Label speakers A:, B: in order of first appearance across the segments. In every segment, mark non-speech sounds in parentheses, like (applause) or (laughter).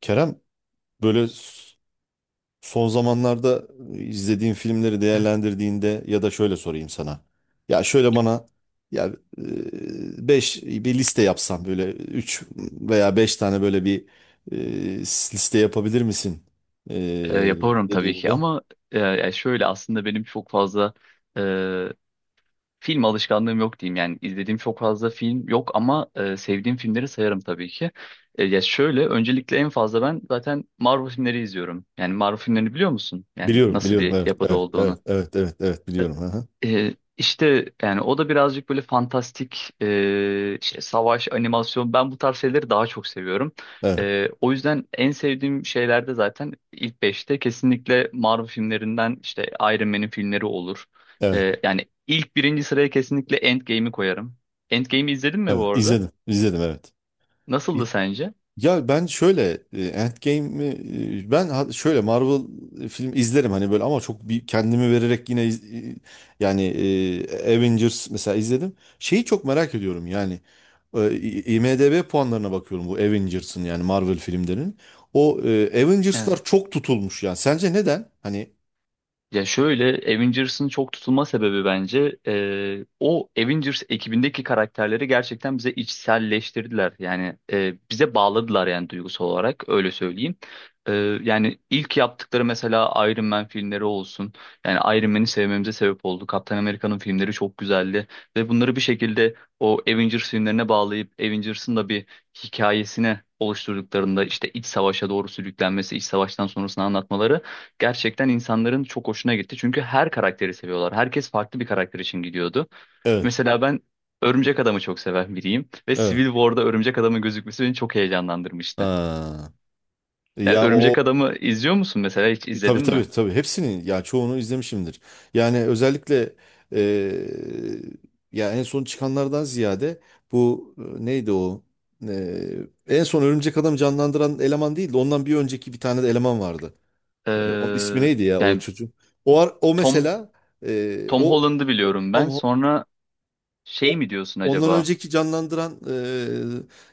A: Kerem, böyle son zamanlarda izlediğin filmleri değerlendirdiğinde ya da şöyle sorayım sana. Ya şöyle bana, ya bir liste yapsan böyle 3 veya 5 tane böyle bir liste yapabilir misin? E,
B: Yaparım tabii ki
A: dediğimde.
B: ama yani şöyle aslında benim çok fazla e, film alışkanlığım yok diyeyim. Yani izlediğim çok fazla film yok ama sevdiğim filmleri sayarım tabii ki. Ya şöyle öncelikle en fazla ben zaten Marvel filmleri izliyorum. Yani Marvel filmlerini biliyor musun? Yani
A: Biliyorum,
B: nasıl
A: biliyorum.
B: bir
A: Evet,
B: yapıda
A: evet,
B: olduğunu.
A: evet, evet, evet, evet biliyorum. Hı hı.
B: İşte yani o da birazcık böyle fantastik işte savaş animasyon ben bu tarz şeyleri daha çok seviyorum.
A: Evet,
B: O yüzden en sevdiğim şeylerde zaten ilk beşte kesinlikle Marvel filmlerinden işte Iron Man'in filmleri olur.
A: evet,
B: Yani ilk birinci sıraya kesinlikle Endgame'i koyarım. Endgame'i izledin mi
A: evet.
B: bu arada?
A: İzledim, izledim, evet.
B: Nasıldı sence?
A: Ya ben şöyle Endgame'i, şöyle Marvel film izlerim hani böyle ama çok bir kendimi vererek yine Avengers mesela izledim. Şeyi çok merak ediyorum yani, IMDb puanlarına bakıyorum bu Avengers'ın, yani Marvel filmlerinin. O Avengers'lar çok tutulmuş yani. Sence neden? Hani
B: Ya şöyle Avengers'ın çok tutulma sebebi bence o Avengers ekibindeki karakterleri gerçekten bize içselleştirdiler. Yani bize bağladılar yani duygusal olarak öyle söyleyeyim. E, Yani ilk yaptıkları mesela Iron Man filmleri olsun. Yani Iron Man'i sevmemize sebep oldu. Kaptan Amerika'nın filmleri çok güzeldi. Ve bunları bir şekilde o Avengers filmlerine bağlayıp Avengers'ın da bir hikayesine oluşturduklarında işte iç savaşa doğru sürüklenmesi, iç savaştan sonrasını anlatmaları gerçekten insanların çok hoşuna gitti. Çünkü her karakteri seviyorlar. Herkes farklı bir karakter için gidiyordu.
A: evet.
B: Mesela ben Örümcek Adam'ı çok seven biriyim ve
A: Evet.
B: Civil War'da Örümcek Adam'ın gözükmesi beni çok heyecanlandırmıştı.
A: Ha.
B: Yani
A: Ya o.
B: Örümcek Adam'ı izliyor musun mesela hiç
A: Tabii,
B: izledin
A: tabii,
B: mi?
A: tabii, hepsinin ya çoğunu izlemişimdir. Yani özellikle eee ya en son çıkanlardan ziyade bu neydi o? En son Örümcek Adam'ı canlandıran eleman değildi. Ondan bir önceki bir tane de eleman vardı. Onun ismi
B: Ee,
A: neydi ya, o
B: Yani
A: çocuğun? O ar- o
B: Tom
A: mesela
B: Tom
A: o
B: Holland'ı biliyorum ben.
A: Tom,
B: Sonra şey
A: o,
B: mi diyorsun
A: ondan
B: acaba?
A: önceki canlandıran,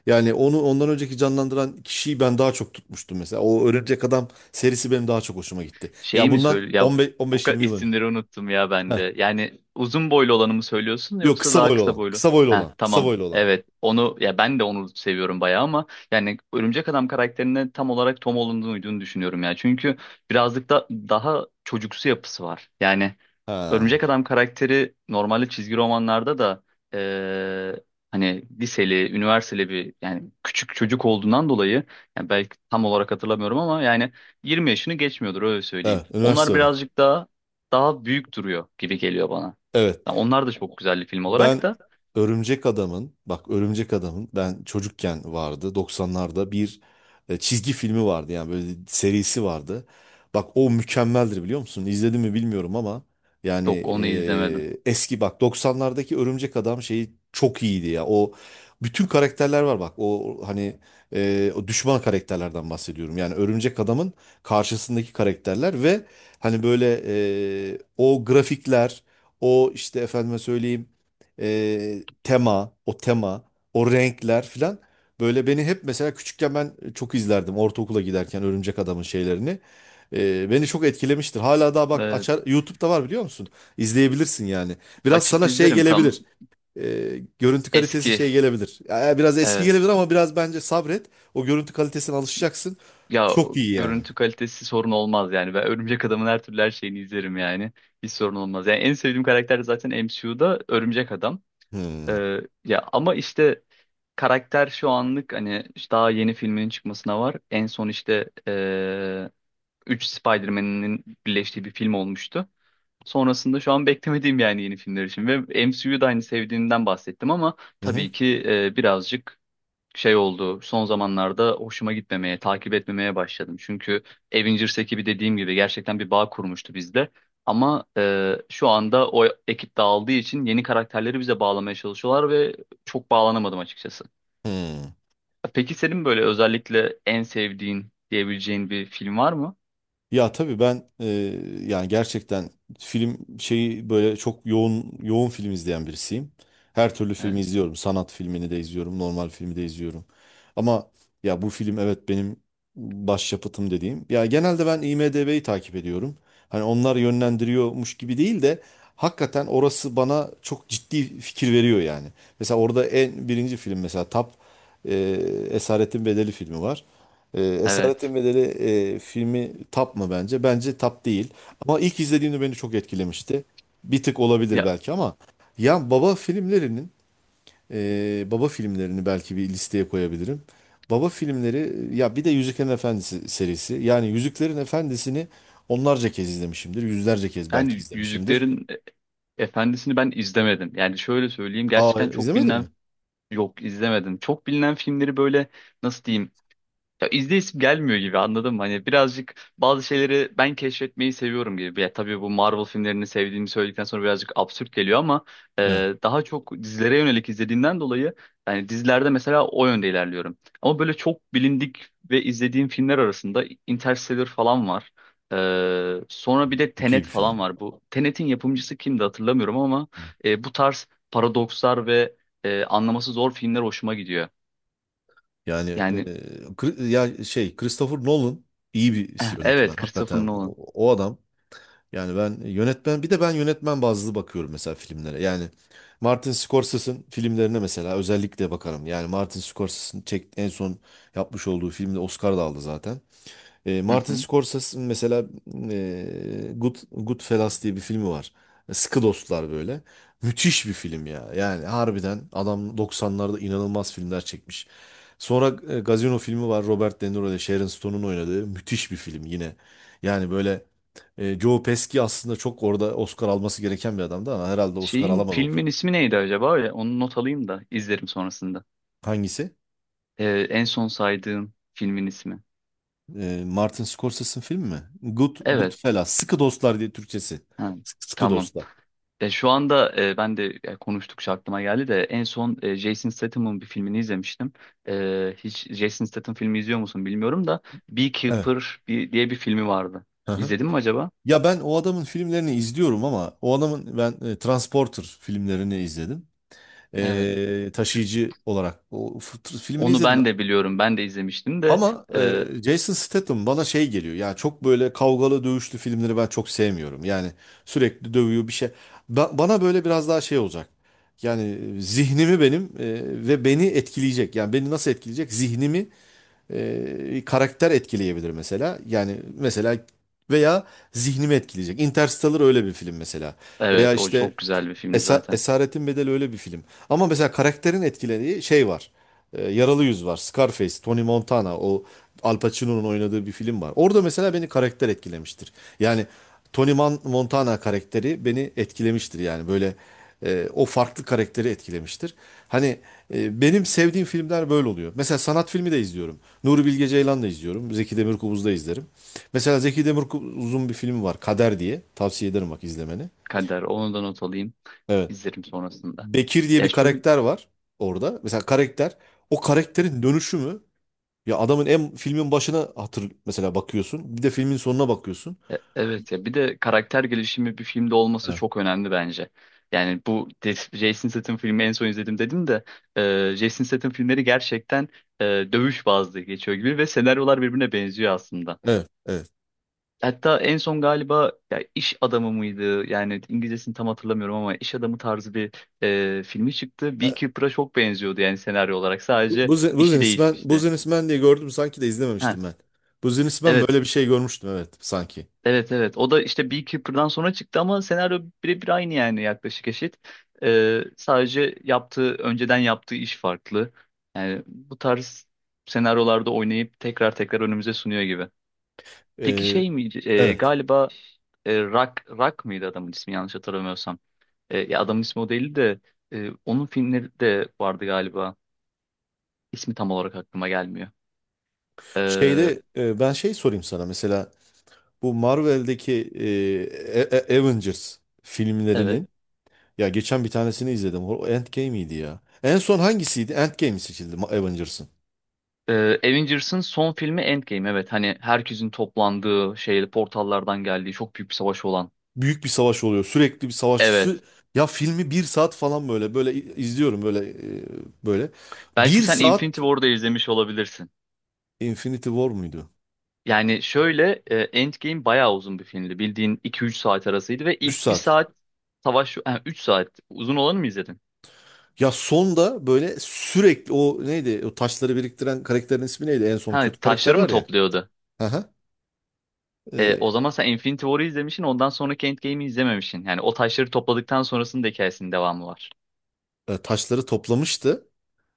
A: yani onu ondan önceki canlandıran kişiyi ben daha çok tutmuştum mesela. O Örümcek Adam serisi benim daha çok hoşuma gitti.
B: Şeyi
A: Ya
B: mi
A: bundan
B: söyle ya
A: 15
B: o kadar
A: 15-20 yıl önce.
B: isimleri unuttum ya ben
A: Heh.
B: de. Yani uzun boylu olanı mı söylüyorsun
A: Yok,
B: yoksa
A: kısa
B: daha
A: boylu
B: kısa
A: olan.
B: boylu?
A: Kısa boylu
B: Heh,
A: olan. Kısa
B: tamam.
A: boylu olan.
B: Evet. Onu ya ben de onu seviyorum bayağı ama yani Örümcek Adam karakterine tam olarak Tom Holland'ın uyduğunu düşünüyorum ya. Çünkü birazcık da daha çocuksu yapısı var. Yani
A: Ha.
B: Örümcek Adam karakteri normalde çizgi romanlarda da eee, hani liseli, üniversiteli bir yani küçük çocuk olduğundan dolayı yani belki tam olarak hatırlamıyorum ama yani 20 yaşını geçmiyordur öyle söyleyeyim.
A: Evet, üniversite
B: Onlar
A: öğren.
B: birazcık daha büyük duruyor gibi geliyor bana.
A: Evet.
B: Yani onlar da çok güzel bir film
A: Ben
B: olarak da
A: Örümcek Adam'ın, bak, Örümcek Adam'ın ben çocukken vardı 90'larda bir çizgi filmi vardı, yani böyle serisi vardı. Bak, o mükemmeldir, biliyor musun? İzledim mi bilmiyorum ama yani
B: yok onu izlemedim.
A: eski, bak, 90'lardaki Örümcek Adam şeyi çok iyiydi ya. O bütün karakterler var, bak. O hani o düşman karakterlerden bahsediyorum. Yani Örümcek Adam'ın karşısındaki karakterler ve hani böyle o grafikler, o işte efendime söyleyeyim tema, o tema, o renkler filan, böyle beni hep mesela, küçükken ben çok izlerdim ortaokula giderken Örümcek Adam'ın şeylerini. Beni çok etkilemiştir. Hala daha bak,
B: Eee,
A: açar, YouTube'da var, biliyor musun? İzleyebilirsin yani. Biraz
B: Açıp
A: sana şey
B: izlerim tam
A: gelebilir. E, görüntü kalitesi
B: eski
A: şey gelebilir. Ya, biraz eski
B: evet.
A: gelebilir ama biraz bence sabret. O görüntü kalitesine alışacaksın.
B: Ya
A: Çok iyi yani.
B: görüntü kalitesi sorun olmaz yani. Ben Örümcek Adam'ın her türlü her şeyini izlerim yani. Hiç sorun olmaz. Yani en sevdiğim karakter zaten MCU'da Örümcek Adam.
A: Hmm.
B: Ee, Ya ama işte karakter şu anlık hani işte daha yeni filminin çıkmasına var. En son işte 3 Spider-Man'in birleştiği bir film olmuştu. Sonrasında şu an beklemediğim yani yeni filmler için. Ve MCU'da aynı sevdiğimden bahsettim ama
A: Hı hı.
B: tabii ki birazcık şey oldu. Son zamanlarda hoşuma gitmemeye, takip etmemeye başladım. Çünkü Avengers ekibi dediğim gibi gerçekten bir bağ kurmuştu bizde. Ama şu anda o ekip dağıldığı için yeni karakterleri bize bağlamaya çalışıyorlar ve çok bağlanamadım açıkçası.
A: Hmm.
B: Peki senin böyle özellikle en sevdiğin diyebileceğin bir film var mı?
A: Ya tabii ben, yani gerçekten, film şeyi böyle çok yoğun yoğun film izleyen birisiyim. Her türlü filmi
B: Evet.
A: izliyorum. Sanat filmini de izliyorum, normal filmi de izliyorum. Ama ya bu film, evet, benim başyapıtım dediğim. Ya genelde ben IMDb'yi takip ediyorum. Hani onlar yönlendiriyormuş gibi değil de hakikaten orası bana çok ciddi fikir veriyor yani. Mesela orada en birinci film mesela, e, Esaretin Bedeli filmi var.
B: Evet.
A: Esaretin Bedeli filmi top mı bence? Bence top değil. Ama ilk izlediğimde beni çok etkilemişti. Bir tık olabilir
B: Ya
A: belki ama ya baba filmlerinin, baba filmlerini belki bir listeye koyabilirim. Baba filmleri, ya bir de Yüzüklerin Efendisi serisi. Yani Yüzüklerin Efendisi'ni onlarca kez izlemişimdir. Yüzlerce kez belki
B: yani
A: izlemişimdir.
B: Yüzüklerin Efendisi'ni ben izlemedim. Yani şöyle söyleyeyim
A: Aa,
B: gerçekten çok
A: izlemedin
B: bilinen
A: mi?
B: yok izlemedim. Çok bilinen filmleri böyle nasıl diyeyim. Ya izleyip gelmiyor gibi anladım mı? Hani birazcık bazı şeyleri ben keşfetmeyi seviyorum gibi. Ya tabii bu Marvel filmlerini sevdiğimi söyledikten sonra birazcık absürt geliyor ama
A: Evet.
B: daha çok dizilere yönelik izlediğimden dolayı yani dizilerde mesela o yönde ilerliyorum. Ama böyle çok bilindik ve izlediğim filmler arasında Interstellar falan var. Sonra bir de
A: Çok iyi
B: Tenet
A: bir
B: falan
A: film.
B: var. Bu Tenet'in yapımcısı kimdi hatırlamıyorum ama bu tarz paradokslar ve anlaması zor filmler hoşuma gidiyor.
A: Yani
B: Yani
A: ya şey Christopher Nolan iyi bir yönetmen.
B: evet Christopher
A: Hakikaten o,
B: Nolan.
A: adam. Yani ben yönetmen, bir de ben yönetmen bazlı bakıyorum mesela filmlere. Yani Martin Scorsese'in filmlerine mesela özellikle bakarım. Yani Martin Scorsese'in en son yapmış olduğu filmde Oscar da aldı zaten.
B: Hı
A: Martin
B: hı.
A: Scorsese'in mesela Goodfellas diye bir filmi var. Sıkı Dostlar, böyle. Müthiş bir film ya. Yani harbiden adam 90'larda inanılmaz filmler çekmiş. Sonra Gazino filmi var, Robert De Niro ile Sharon Stone'un oynadığı müthiş bir film yine. Yani böyle Joe Pesci aslında çok orada Oscar alması gereken bir adamdı ama herhalde Oscar
B: Şeyin
A: alamadı o film.
B: filmin ismi neydi acaba? Öyle, onu not alayım da izlerim sonrasında.
A: Hangisi?
B: En son saydığım filmin ismi.
A: Martin Scorsese'in filmi mi?
B: Evet.
A: Goodfellas, Sıkı Dostlar diye Türkçesi.
B: Ha,
A: Sıkı
B: tamam.
A: Dostlar.
B: Ya şu anda ben de ya, konuştukça aklıma geldi de en son Jason Statham'ın bir filmini izlemiştim. Hiç Jason Statham filmi izliyor musun bilmiyorum da
A: Evet.
B: Beekeeper bir, diye bir filmi vardı.
A: Hı hı.
B: İzledin mi acaba?
A: Ya ben o adamın filmlerini izliyorum ama o adamın ben Transporter filmlerini izledim.
B: Evet.
A: Taşıyıcı olarak o filmini
B: Onu
A: izledim.
B: ben de biliyorum. Ben de izlemiştim de
A: Ama
B: e,
A: Jason Statham bana şey geliyor. Yani çok böyle kavgalı dövüşlü filmleri ben çok sevmiyorum. Yani sürekli dövüyor bir şey. Bana böyle biraz daha şey olacak. Yani zihnimi benim, ve beni etkileyecek. Yani beni nasıl etkileyecek? Zihnimi, karakter etkileyebilir mesela. Yani mesela, veya zihnimi etkileyecek. Interstellar öyle bir film mesela. Veya
B: evet o
A: işte
B: çok güzel bir filmdi zaten.
A: Esaretin Bedeli öyle bir film. Ama mesela karakterin etkilediği şey var. Yaralı Yüz var. Scarface, Tony Montana, o Al Pacino'nun oynadığı bir film var. Orada mesela beni karakter etkilemiştir. Yani Montana karakteri beni etkilemiştir, yani böyle o farklı karakteri etkilemiştir. Hani benim sevdiğim filmler böyle oluyor. Mesela sanat filmi de izliyorum. Nuri Bilge Ceylan da izliyorum. Zeki Demirkubuz da izlerim. Mesela Zeki Demirkubuz'un bir filmi var, Kader diye. Tavsiye ederim, bak, izlemeni.
B: Kader onu da not alayım.
A: Evet.
B: İzlerim sonrasında.
A: Bekir diye
B: Ya
A: bir
B: şöyle
A: karakter var orada. Mesela karakter, o karakterin dönüşümü, ya adamın filmin başına mesela bakıyorsun. Bir de filmin sonuna bakıyorsun.
B: evet ya bir de karakter gelişimi bir filmde olması
A: Evet.
B: çok önemli bence. Yani bu Jason Statham filmi en son izledim dedim de Jason Statham filmleri gerçekten dövüş bazlı geçiyor gibi ve senaryolar birbirine benziyor aslında.
A: Evet, evet.
B: Hatta en son galiba ya iş adamı mıydı? Yani İngilizcesini tam hatırlamıyorum ama iş adamı tarzı bir filmi çıktı. Beekeeper'a çok benziyordu yani senaryo olarak.
A: Bu
B: Sadece işi değişmişti.
A: Businessman diye gördüm sanki de
B: Ha,
A: izlememiştim ben. Businessman,
B: evet.
A: böyle bir şey görmüştüm evet sanki.
B: Evet evet o da işte Beekeeper'dan sonra çıktı ama senaryo birebir aynı yani yaklaşık eşit. Sadece yaptığı önceden yaptığı iş farklı. Yani bu tarz senaryolarda oynayıp tekrar tekrar önümüze sunuyor gibi. Peki
A: Ee,
B: şey mi
A: evet.
B: galiba Rock mıydı adamın ismi yanlış hatırlamıyorsam. Ya adamın ismi o değildi de onun filmleri de vardı galiba. İsmi tam olarak aklıma gelmiyor. Ee,
A: Şeyde, ben şey sorayım sana, mesela bu Marvel'deki Avengers
B: evet.
A: filmlerinin. Ya, geçen bir tanesini izledim. O Endgame'iydi ya. En son hangisiydi? Endgame seçildi, Avengers'ın.
B: Avengers'ın son filmi Endgame. Evet hani herkesin toplandığı şey portallardan geldiği çok büyük bir savaş olan.
A: Büyük bir savaş oluyor. Sürekli bir savaş.
B: Evet.
A: Ya filmi bir saat falan böyle böyle izliyorum, böyle böyle.
B: Belki
A: Bir
B: sen
A: saat.
B: Infinity War'da izlemiş olabilirsin.
A: Infinity War muydu?
B: Yani şöyle Endgame bayağı uzun bir filmdi. Bildiğin 2-3 saat arasıydı ve
A: Üç
B: ilk bir
A: saat.
B: saat savaş... Ha, 3 saat. Uzun olanı mı izledin?
A: Ya sonda böyle sürekli o neydi? O taşları biriktiren karakterin ismi neydi? En son
B: Ha,
A: kötü karakter
B: taşları mı
A: var ya.
B: topluyordu?
A: Hı hı.
B: O
A: E,
B: zaman sen Infinity War'ı izlemişsin ondan sonraki Endgame'i izlememişsin. Yani o taşları topladıktan sonrasının da hikayesinin devamı var.
A: taşları toplamıştı.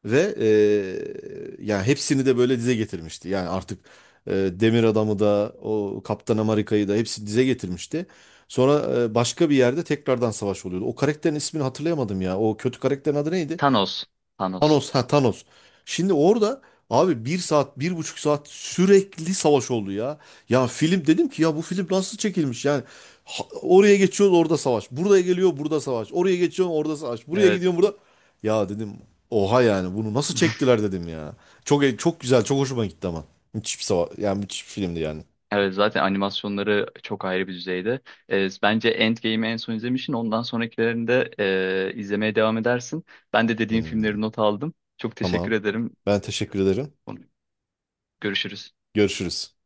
A: Ve ya hepsini de böyle dize getirmişti. Yani artık Demir Adam'ı da, o Kaptan Amerika'yı da hepsini dize getirmişti. Sonra başka bir yerde tekrardan savaş oluyordu. O karakterin ismini hatırlayamadım ya. O kötü karakterin adı neydi?
B: Thanos. Thanos.
A: Thanos, ha, Thanos. Şimdi orada abi bir saat, 1,5 saat sürekli savaş oldu ya. Ya film, dedim ki ya bu film nasıl çekilmiş yani. Oraya geçiyorsun, orada savaş. Buraya geliyor, burada savaş. Oraya geçiyorsun, orada savaş. Buraya
B: Evet.
A: gidiyorsun, burada. Ya dedim, oha yani, bunu nasıl
B: (laughs)
A: çektiler dedim ya. Çok güzel, çok hoşuma gitti ama. Müthiş bir savaş, yani müthiş bir filmdi yani.
B: Evet zaten animasyonları çok ayrı bir düzeyde. Bence Endgame'i en son izlemişsin. Ondan sonrakilerini de izlemeye devam edersin. Ben de dediğin
A: Hmm,
B: filmleri not aldım. Çok
A: tamam.
B: teşekkür ederim.
A: Ben teşekkür ederim.
B: Görüşürüz.
A: Görüşürüz.